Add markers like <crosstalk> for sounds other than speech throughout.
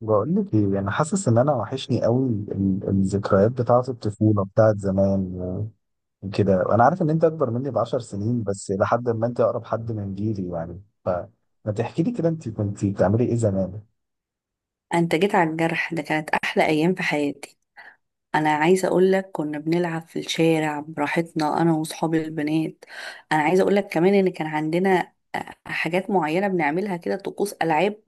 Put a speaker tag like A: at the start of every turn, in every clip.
A: بقول لك ايه، انا حاسس ان انا وحشني قوي الذكريات بتاعه الطفوله بتاعه زمان وكده. وانا عارف ان انت اكبر مني ب 10 سنين، بس لحد ما انت اقرب حد من جيلي يعني، فما تحكي لي كده انت كنت بتعملي ايه زمان؟
B: انت جيت على الجرح ده، كانت احلى ايام في حياتي. انا عايزه اقول لك، كنا بنلعب في الشارع براحتنا انا واصحابي البنات. انا عايزه اقول لك كمان ان كان عندنا حاجات معينه بنعملها كده، طقوس العاب.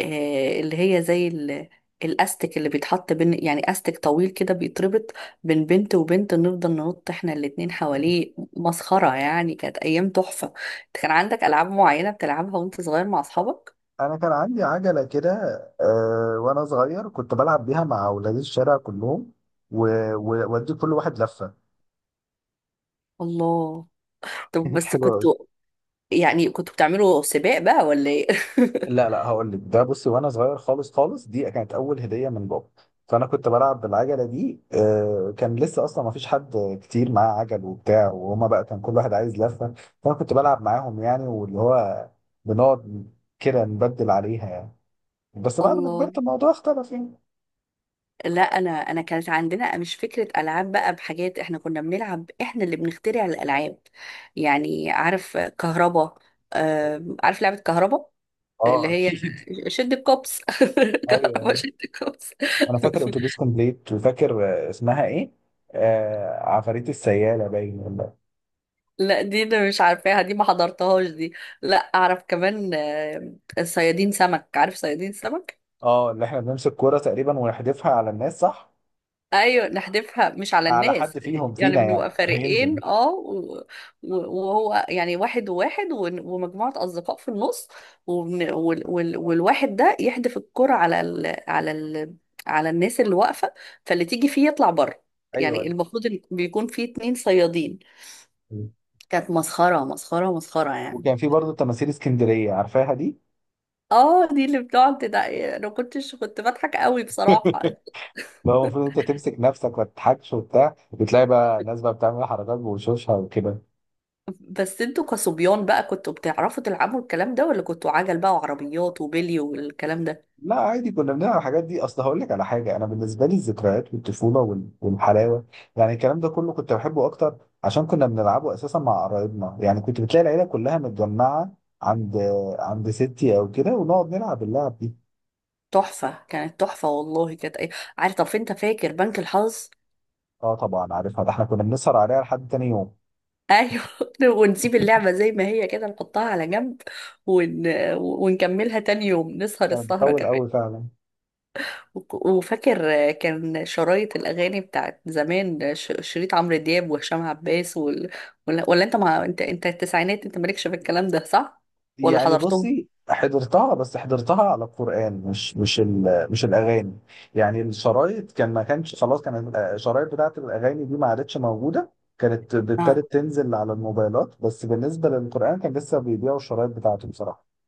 B: اللي هي زي الاستك اللي بيتحط بين، يعني استك طويل كده بيتربط بين بنت وبنت، نفضل ننط احنا الاتنين حواليه، مسخره يعني، كانت ايام تحفه. انت كان عندك العاب معينه بتلعبها وانت صغير مع اصحابك؟
A: انا كان عندي عجله كده. وانا صغير كنت بلعب بيها مع اولاد الشارع كلهم، وودي كل واحد لفه.
B: الله.
A: <laughs>
B: طب
A: كانت
B: بس كنت...
A: حلوة.
B: يعني كنتوا بتعملوا سباق بقى ولا ايه؟ <laughs>
A: لا لا، هقول لك ده. بصي، وانا صغير خالص خالص، دي كانت اول هديه من بابا. فانا كنت بلعب بالعجله دي، كان لسه اصلا ما فيش حد كتير معاه عجل وبتاع، وهما بقى كان كل واحد عايز لفه، فانا كنت بلعب معاهم يعني، واللي هو بنقعد كده نبدل عليها يعني. بس بعد ما
B: الله.
A: كبرت الموضوع اختلف يعني.
B: لا انا كانت عندنا مش فكره العاب بقى بحاجات، احنا كنا بنلعب، احنا اللي بنخترع الالعاب. يعني عارف كهربا؟ عارف لعبه كهربا؟ اللي
A: اه
B: هي...
A: اكيد.
B: شد الكوبس، <laughs>
A: ايوه
B: كهربا
A: أيوة.
B: شد الكوبس.
A: انا فاكر اتوبيس
B: <laughs>
A: كومبليت، وفاكر اسمها ايه، آه عفاريت السياله، باين ولا.
B: لا دي انا مش عارفاها، دي ما حضرتهاش دي. لا اعرف كمان، صيادين سمك، عارف صيادين سمك؟
A: اه، اللي احنا بنمسك كوره تقريبا ونحدفها على الناس، صح؟
B: ايوه، نحدفها مش على
A: على
B: الناس.
A: حد فيهم
B: يعني
A: فينا يعني
B: بنبقى
A: هينزل.
B: فريقين اه، و- وهو يعني واحد وواحد ومجموعة اصدقاء في النص. والواحد ده يحدف الكرة على الناس اللي واقفة. فاللي تيجي فيه يطلع بره. يعني
A: ايوه.
B: المفروض إن بيكون فيه اتنين صيادين.
A: مم.
B: كانت مسخرة، مسخرة، مسخرة يعني.
A: وكان في برضه تماثيل اسكندريه، عارفاها دي؟
B: اه دي اللي بتقعد ده. انا كنت بضحك قوي بصراحة.
A: <laughs> اللي هو المفروض انت تمسك نفسك ما تضحكش وبتاع، بتلاقي بقى الناس بقى بتعمل حركات بوشوشها وكده.
B: بس انتوا كصبيان بقى، كنتوا بتعرفوا تلعبوا الكلام ده؟ ولا كنتوا عجل بقى وعربيات وبلي والكلام ده؟
A: لا عادي، كنا بنلعب الحاجات دي. اصل هقول لك على حاجه، انا بالنسبه لي الذكريات والطفوله والحلاوه يعني، الكلام ده كله كنت بحبه اكتر عشان كنا بنلعبه اساسا مع قرايبنا يعني، كنت بتلاقي العيله كلها متجمعه عند عند ستي او كده ونقعد نلعب اللعب دي.
B: تحفة، كانت تحفة والله، كانت ايه. عارف؟ طب انت فاكر بنك الحظ؟
A: اه طبعا عارفها، ده احنا كنا بنسهر عليها لحد تاني يوم.
B: ايوه. <laughs> ونسيب اللعبة زي ما هي كده، نحطها على جنب، ون... ونكملها تاني يوم، نسهر
A: لا،
B: السهرة
A: بتطول
B: كمان.
A: قوي فعلا.
B: وفاكر كان شرايط الأغاني بتاعت زمان، شريط عمرو دياب وهشام عباس ولا انت انت التسعينات، انت مالكش في الكلام ده، صح؟ ولا
A: يعني
B: حضرتهم؟
A: بصي، حضرتها بس حضرتها على القرآن، مش الأغاني. يعني الشرايط كان ما كانش، خلاص كان الشرايط بتاعت الأغاني دي ما عادتش موجودة، كانت
B: آه.
A: ابتدت تنزل على الموبايلات. بس بالنسبة للقرآن كان لسه بيبيعوا الشرايط بتاعته بصراحة.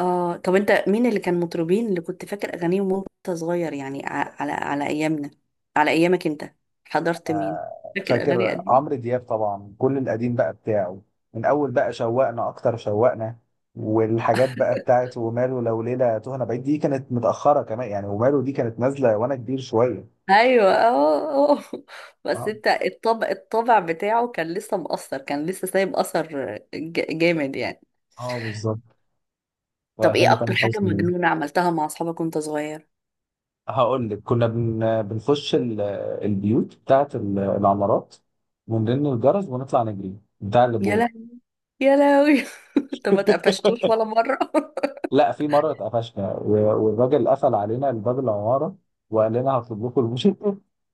B: اه طب انت مين اللي كان مطربين اللي كنت فاكر اغانيهم وانت صغير، يعني على ايامنا، على ايامك انت، حضرت مين؟ فاكر اغاني
A: فاكر عمرو
B: قديمه؟
A: دياب طبعا، كل القديم بقى بتاعه، من أول بقى شوقنا أكتر شوقنا. والحاجات بقى بتاعت وماله لو ليلة تهنا بعيد، دي كانت متأخرة كمان يعني، وماله دي كانت نازلة وأنا كبير شوية.
B: ايوه، اه، آه. <laughs> بس
A: اه،
B: انت الطبع بتاعه كان لسه مؤثر، كان لسه سايب اثر جامد يعني.
A: اه بالظبط.
B: طب ايه
A: واغاني تامر
B: اكتر حاجه
A: حسني.
B: مجنونه عملتها مع اصحابك وانت صغير؟
A: هقول لك، كنا بنخش البيوت بتاعت العمارات ونرن الجرس ونطلع نجري بتاع
B: يا
A: الابواب.
B: لهوي. يا لهوي. <laughs> انت ما اتقفشتوش
A: <laughs>
B: ولا مره؟ <laughs>
A: لا، في مره اتقفشنا والراجل قفل علينا الباب، العماره، وقال لنا هطلب لكم المش- <laughs>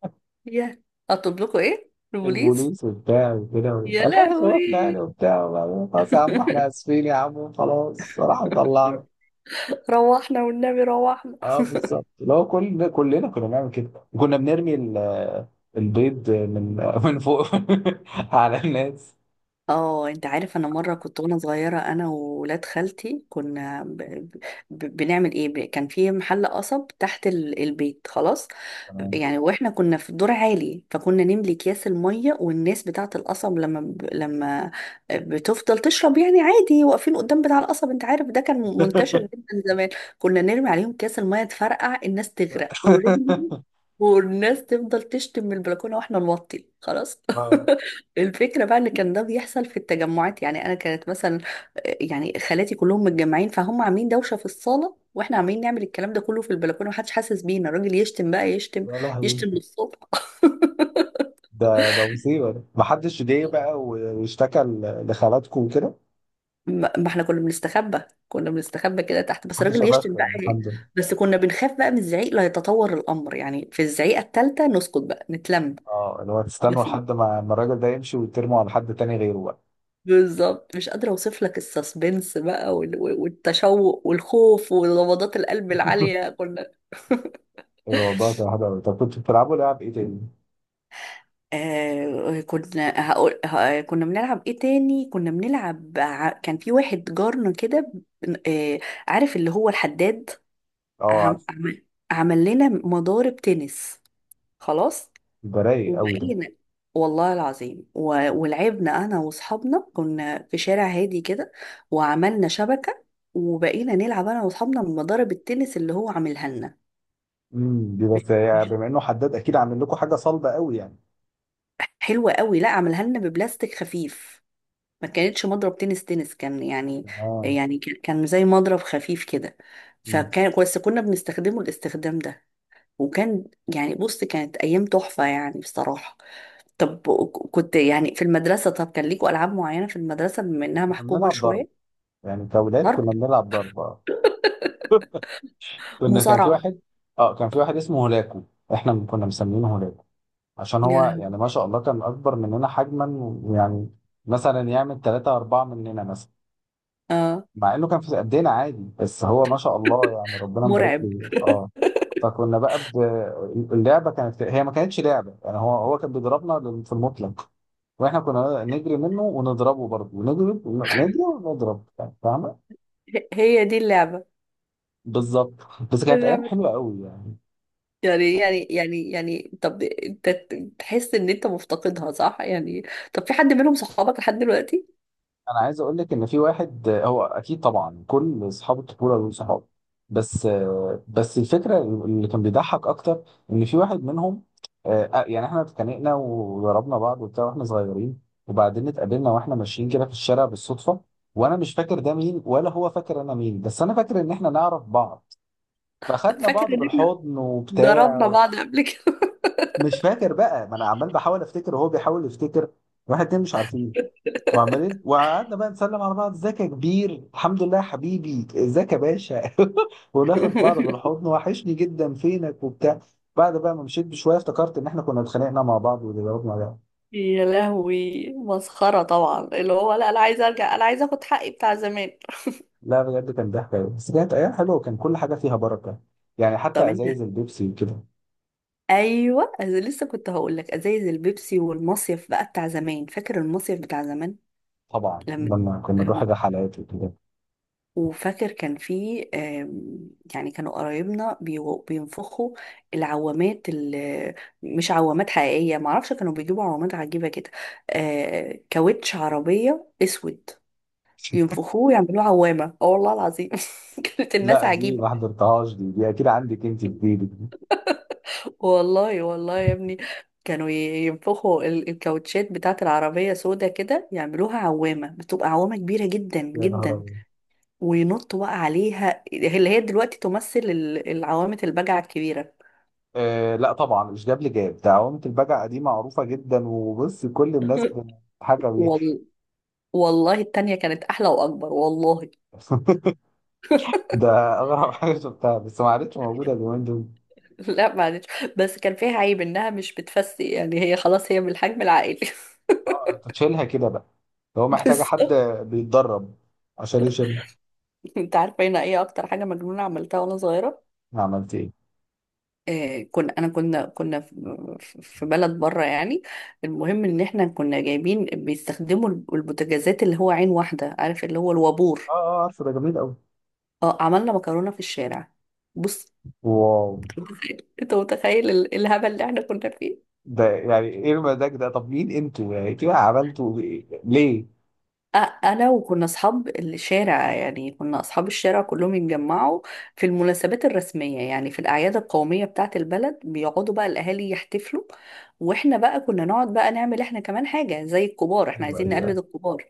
B: يا! اطلب لكم ايه، البوليس؟
A: البوليس وبتاع وكده،
B: يا
A: عشان يخوفنا
B: لهوي.
A: يعني وبتاع. وبعدين خلاص، يا عم احنا اسفين، يا عم خلاص، راح مطلعنا.
B: <laughs> روحنا والنبي، روحنا.
A: اه بالظبط. لو كلنا كنا بنعمل كده، وكنا بنرمي البيض من فوق <laughs> على الناس.
B: اه انت عارف، انا مره كنت وانا صغيره، انا وولاد خالتي كنا ب... ب... بنعمل ايه، كان في محل قصب تحت البيت، خلاص.
A: تمام.
B: يعني واحنا كنا في الدور عالي، فكنا نملي اكياس الميه، والناس بتاعه القصب لما لما بتفضل تشرب يعني عادي، واقفين قدام بتاع القصب، انت عارف ده كان منتشر
A: <laughs>
B: جدا زمان. كنا نرمي عليهم اكياس الميه، تفرقع، الناس تغرق، والراجل والناس تفضل تشتم من البلكونه، واحنا نوطي خلاص.
A: اه.
B: <laughs> الفكرة بقى ان كان ده بيحصل في التجمعات، يعني انا كانت مثلا يعني خالاتي كلهم متجمعين، فهم عاملين دوشة في الصالة، واحنا عاملين نعمل الكلام ده كله في البلكونة، محدش حاسس بينا، الراجل يشتم بقى، يشتم،
A: يا لهوي.
B: يشتم للصبح. <laughs>
A: ده مصيبة. ده محدش جه بقى واشتكى لخالاتكم وكده؟
B: ما احنا كنا بنستخبى، كنا بنستخبى كده تحت، بس
A: محدش
B: الراجل يشتم
A: قفشكم
B: بقى
A: يعني،
B: إيه؟
A: الحمد لله.
B: بس كنا بنخاف بقى من الزعيق لا يتطور الامر، يعني في الزعيقة التالتة نسكت بقى، نتلم.
A: اه، اللي هو تستنوا لحد ما الراجل ده يمشي، وترموا على حد تاني غيره بقى.
B: بالظبط، مش قادرة اوصف لك السسبنس بقى، والتشوق والخوف ونبضات القلب
A: <laughs>
B: العالية كنا... <laughs>
A: الموضوع كان حلو قوي. طب كنتوا بتلعبوا لعب ايه تاني؟
B: كنا هقول كنا بنلعب ايه تاني، كنا بنلعب كان في واحد جارنا كده. بن- آه عارف اللي هو الحداد؟
A: اه
B: عم
A: عارف.
B: عم- عمل لنا مضارب تنس، خلاص.
A: ده رايق قوي ده.
B: وبقينا، والله العظيم، ولعبنا انا واصحابنا، كنا في شارع هادي كده، وعملنا شبكة، وبقينا نلعب انا واصحابنا بمضارب التنس اللي هو عاملها لنا.
A: دي
B: ب-
A: بس يعني،
B: مش-
A: بما انه حداد اكيد عامل لكم حاجة صلبة قوي يعني.
B: حلوة قوي، لا عاملها لنا ببلاستيك خفيف. ما كانتش مضرب تنس، كان يعني،
A: اه.
B: يعني كان زي مضرب خفيف كده،
A: مم.
B: فكان بس كنا بنستخدمه الاستخدام ده. وكان يعني بص، كانت ايام تحفة يعني بصراحة. طب كنت يعني في المدرسة، طب كان ليكوا ألعاب معينة في المدرسة بما إنها
A: كنا
B: محكومة
A: بنلعب ضرب،
B: شوية؟
A: يعني كأولاد
B: ضرب.
A: كنا بنلعب ضرب، اه. كان في
B: مصارعة.
A: واحد، اه كان في واحد اسمه هولاكو. احنا كنا مسمينه هولاكو عشان
B: يا
A: هو
B: لهوي.
A: يعني ما شاء الله كان اكبر مننا حجما يعني، مثلا يعمل ثلاثة أربعة مننا مثلا،
B: اه،
A: مع انه كان في قدنا عادي، بس هو ما شاء الله يعني ربنا مبارك
B: مرعب.
A: له. اه. فكنا بقى ب... اللعبه كانت هي، ما كانتش لعبه يعني، هو كان بيضربنا في المطلق، واحنا كنا نجري منه ونضربه برضه، ونجري ونجري ونضرب يعني، فاهم؟
B: هي دي اللعبة.
A: بالظبط. بس كانت ايام
B: اللعبة.
A: حلوه قوي يعني.
B: يعني طب انت تحس ان انت مفتقدها صح يعني؟ طب في حد منهم صحابك لحد دلوقتي؟
A: انا عايز اقول لك ان في واحد، هو اكيد طبعا كل اصحاب الطفوله دول صحاب، بس بس الفكره اللي كان بيضحك اكتر، ان في واحد منهم، يعني احنا اتخانقنا وضربنا بعض وبتاع واحنا صغيرين، وبعدين اتقابلنا واحنا ماشيين كده في الشارع بالصدفه، وانا مش فاكر ده مين، ولا هو فاكر انا مين، بس انا فاكر ان احنا نعرف بعض، فخدنا
B: فاكر
A: بعض
B: ان احنا
A: بالحضن وبتاع.
B: ضربنا بعض قبل كده.
A: مش فاكر بقى، ما انا عمال بحاول افتكر وهو بيحاول يفتكر، واحد اتنين مش عارفين وعمالين. وقعدنا بقى نسلم على بعض، ازيك يا كبير، الحمد لله يا حبيبي، ازيك يا باشا، <laughs> وناخد بعض
B: <laughs>
A: بالحضن، وحشني جدا، فينك وبتاع. بعد بقى ما مشيت بشويه افتكرت ان احنا كنا اتخانقنا مع بعض وضربنا بعض.
B: يا لهوي، مسخرة طبعا، اللي هو لا، انا عايزة ارجع، انا عايزة اخد حقي بتاع زمان.
A: لا بجد، كان ضحك أوي. بس كانت ايام حلوه، وكان كل حاجه فيها بركه، يعني
B: طب
A: حتى
B: انت...
A: ازايز البيبسي وكده.
B: ايوه أنا لسه كنت هقول لك ازايز البيبسي والمصيف بقى بتاع زمان، فاكر المصيف بتاع زمان؟
A: طبعا
B: لما،
A: لما كنا نروح
B: لما،
A: الرحلات وكده.
B: وفاكر كان في يعني كانوا قرايبنا بينفخوا العوامات اللي مش عوامات حقيقيه، معرفش، كانوا بيجيبوا عوامات عجيبه كده. كاوتش عربيه اسود،
A: <laughs>
B: ينفخوه ويعملوه عوامه، اه والله العظيم. <laughs> كانت الناس
A: لا دي
B: عجيبه.
A: ما حضرتهاش دي اكيد عندك انت في جيبك دي.
B: والله والله يا ابني، كانوا ينفخوا الكاوتشات بتاعت العربية سودا كده، يعملوها عوامة، بتبقى عوامة كبيرة جدا
A: يا نهار
B: جدا،
A: أبيض.
B: وينطوا بقى عليها، اللي هي دلوقتي تمثل العوامة البجعة الكبيرة.
A: آه لا طبعا، مش جاب لي، جاب ده عوامة البجع، دي معروفة جدا، وبص كل الناس
B: <laughs>
A: بتضحك بيها.
B: وال... والله التانية كانت أحلى وأكبر والله.
A: <laughs>
B: <laughs>
A: ده أغرب حاجة شفتها، بس ما عادتش موجودة اليومين دول.
B: لا معلش، بس كان فيها عيب إنها مش بتفسي، يعني هي خلاص، هي بالحجم العائلي.
A: أنت تشيلها كده بقى لو
B: <laughs>
A: محتاجة
B: بس...
A: حد بيتدرب عشان يشيل.
B: أنت عارفة هنا إيه أكتر حاجة مجنونة عملتها وأنا صغيرة؟
A: عملت إيه؟
B: آه، كنا انا كنا كنا في في بلد بره يعني. المهم ان احنا كنا جايبين بيستخدموا البوتاجازات، اللي هو عين واحده، عارف اللي هو
A: آه،
B: الوابور؟
A: آه، عارفه، ده جميل أوي.
B: اه، عملنا مكرونه في الشارع. بص.
A: واو.
B: <laughs> انت متخيل الهبل اللي احنا كنا فيه.
A: ده يعني إيه المزاج ده؟ طب مين أنتوا يعني؟ أنتوا عملتوا إيه؟ ليه؟
B: انا، وكنا اصحاب الشارع يعني، كنا اصحاب الشارع كلهم يتجمعوا في المناسبات الرسميه، يعني في الاعياد القوميه بتاعه البلد، بيقعدوا بقى الاهالي يحتفلوا، واحنا بقى كنا نقعد بقى نعمل احنا كمان حاجه زي الكبار، احنا
A: أيوه
B: عايزين
A: أيوه.
B: نقلد الكبار،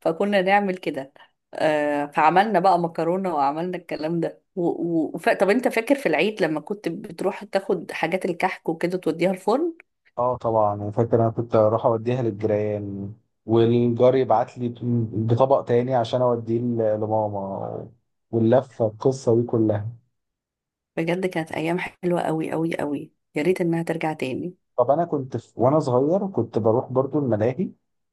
B: فكنا نعمل كده. فعملنا بقى مكرونة، وعملنا الكلام ده طب انت فاكر في العيد لما كنت بتروح تاخد حاجات الكحك وكده توديها الفرن؟
A: اه طبعا، انا فاكر انا كنت اروح اوديها للجيران، والجار يبعت لي بطبق تاني عشان اوديه لماما، واللفه القصه دي كلها.
B: بجد كانت ايام حلوة قوي قوي قوي، يا ريت انها ترجع تاني.
A: طب انا كنت في وانا صغير كنت بروح برضو الملاهي،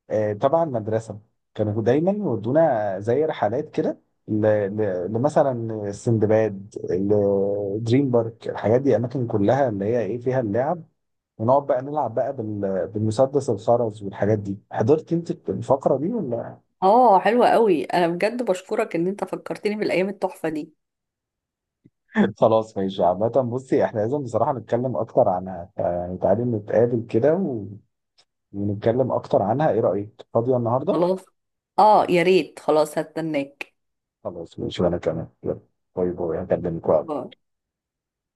A: تبع المدرسه، كانوا دايما يودونا زي رحلات كده ل- لمثلا السندباد، دريم بارك، الحاجات دي، اماكن كلها اللي هي ايه، فيها اللعب، ونقعد بقى نلعب بقى بالمسدس الخرز والحاجات دي. حضرت انت الفقره دي ولا؟
B: اه، حلوة قوي، انا بجد بشكرك ان انت فكرتني بالايام التحفة دي.
A: خلاص ماشي. عامة بصي، احنا لازم بصراحة نتكلم أكتر عنها يعني، تعالي نتقابل كده و... ونتكلم أكتر عنها، إيه رأيك؟ فاضية النهاردة؟
B: خلاص. اه يا ريت، خلاص هستناك.
A: خلاص ماشي، وأنا كمان. يلا، باي باي، هكلمك وقت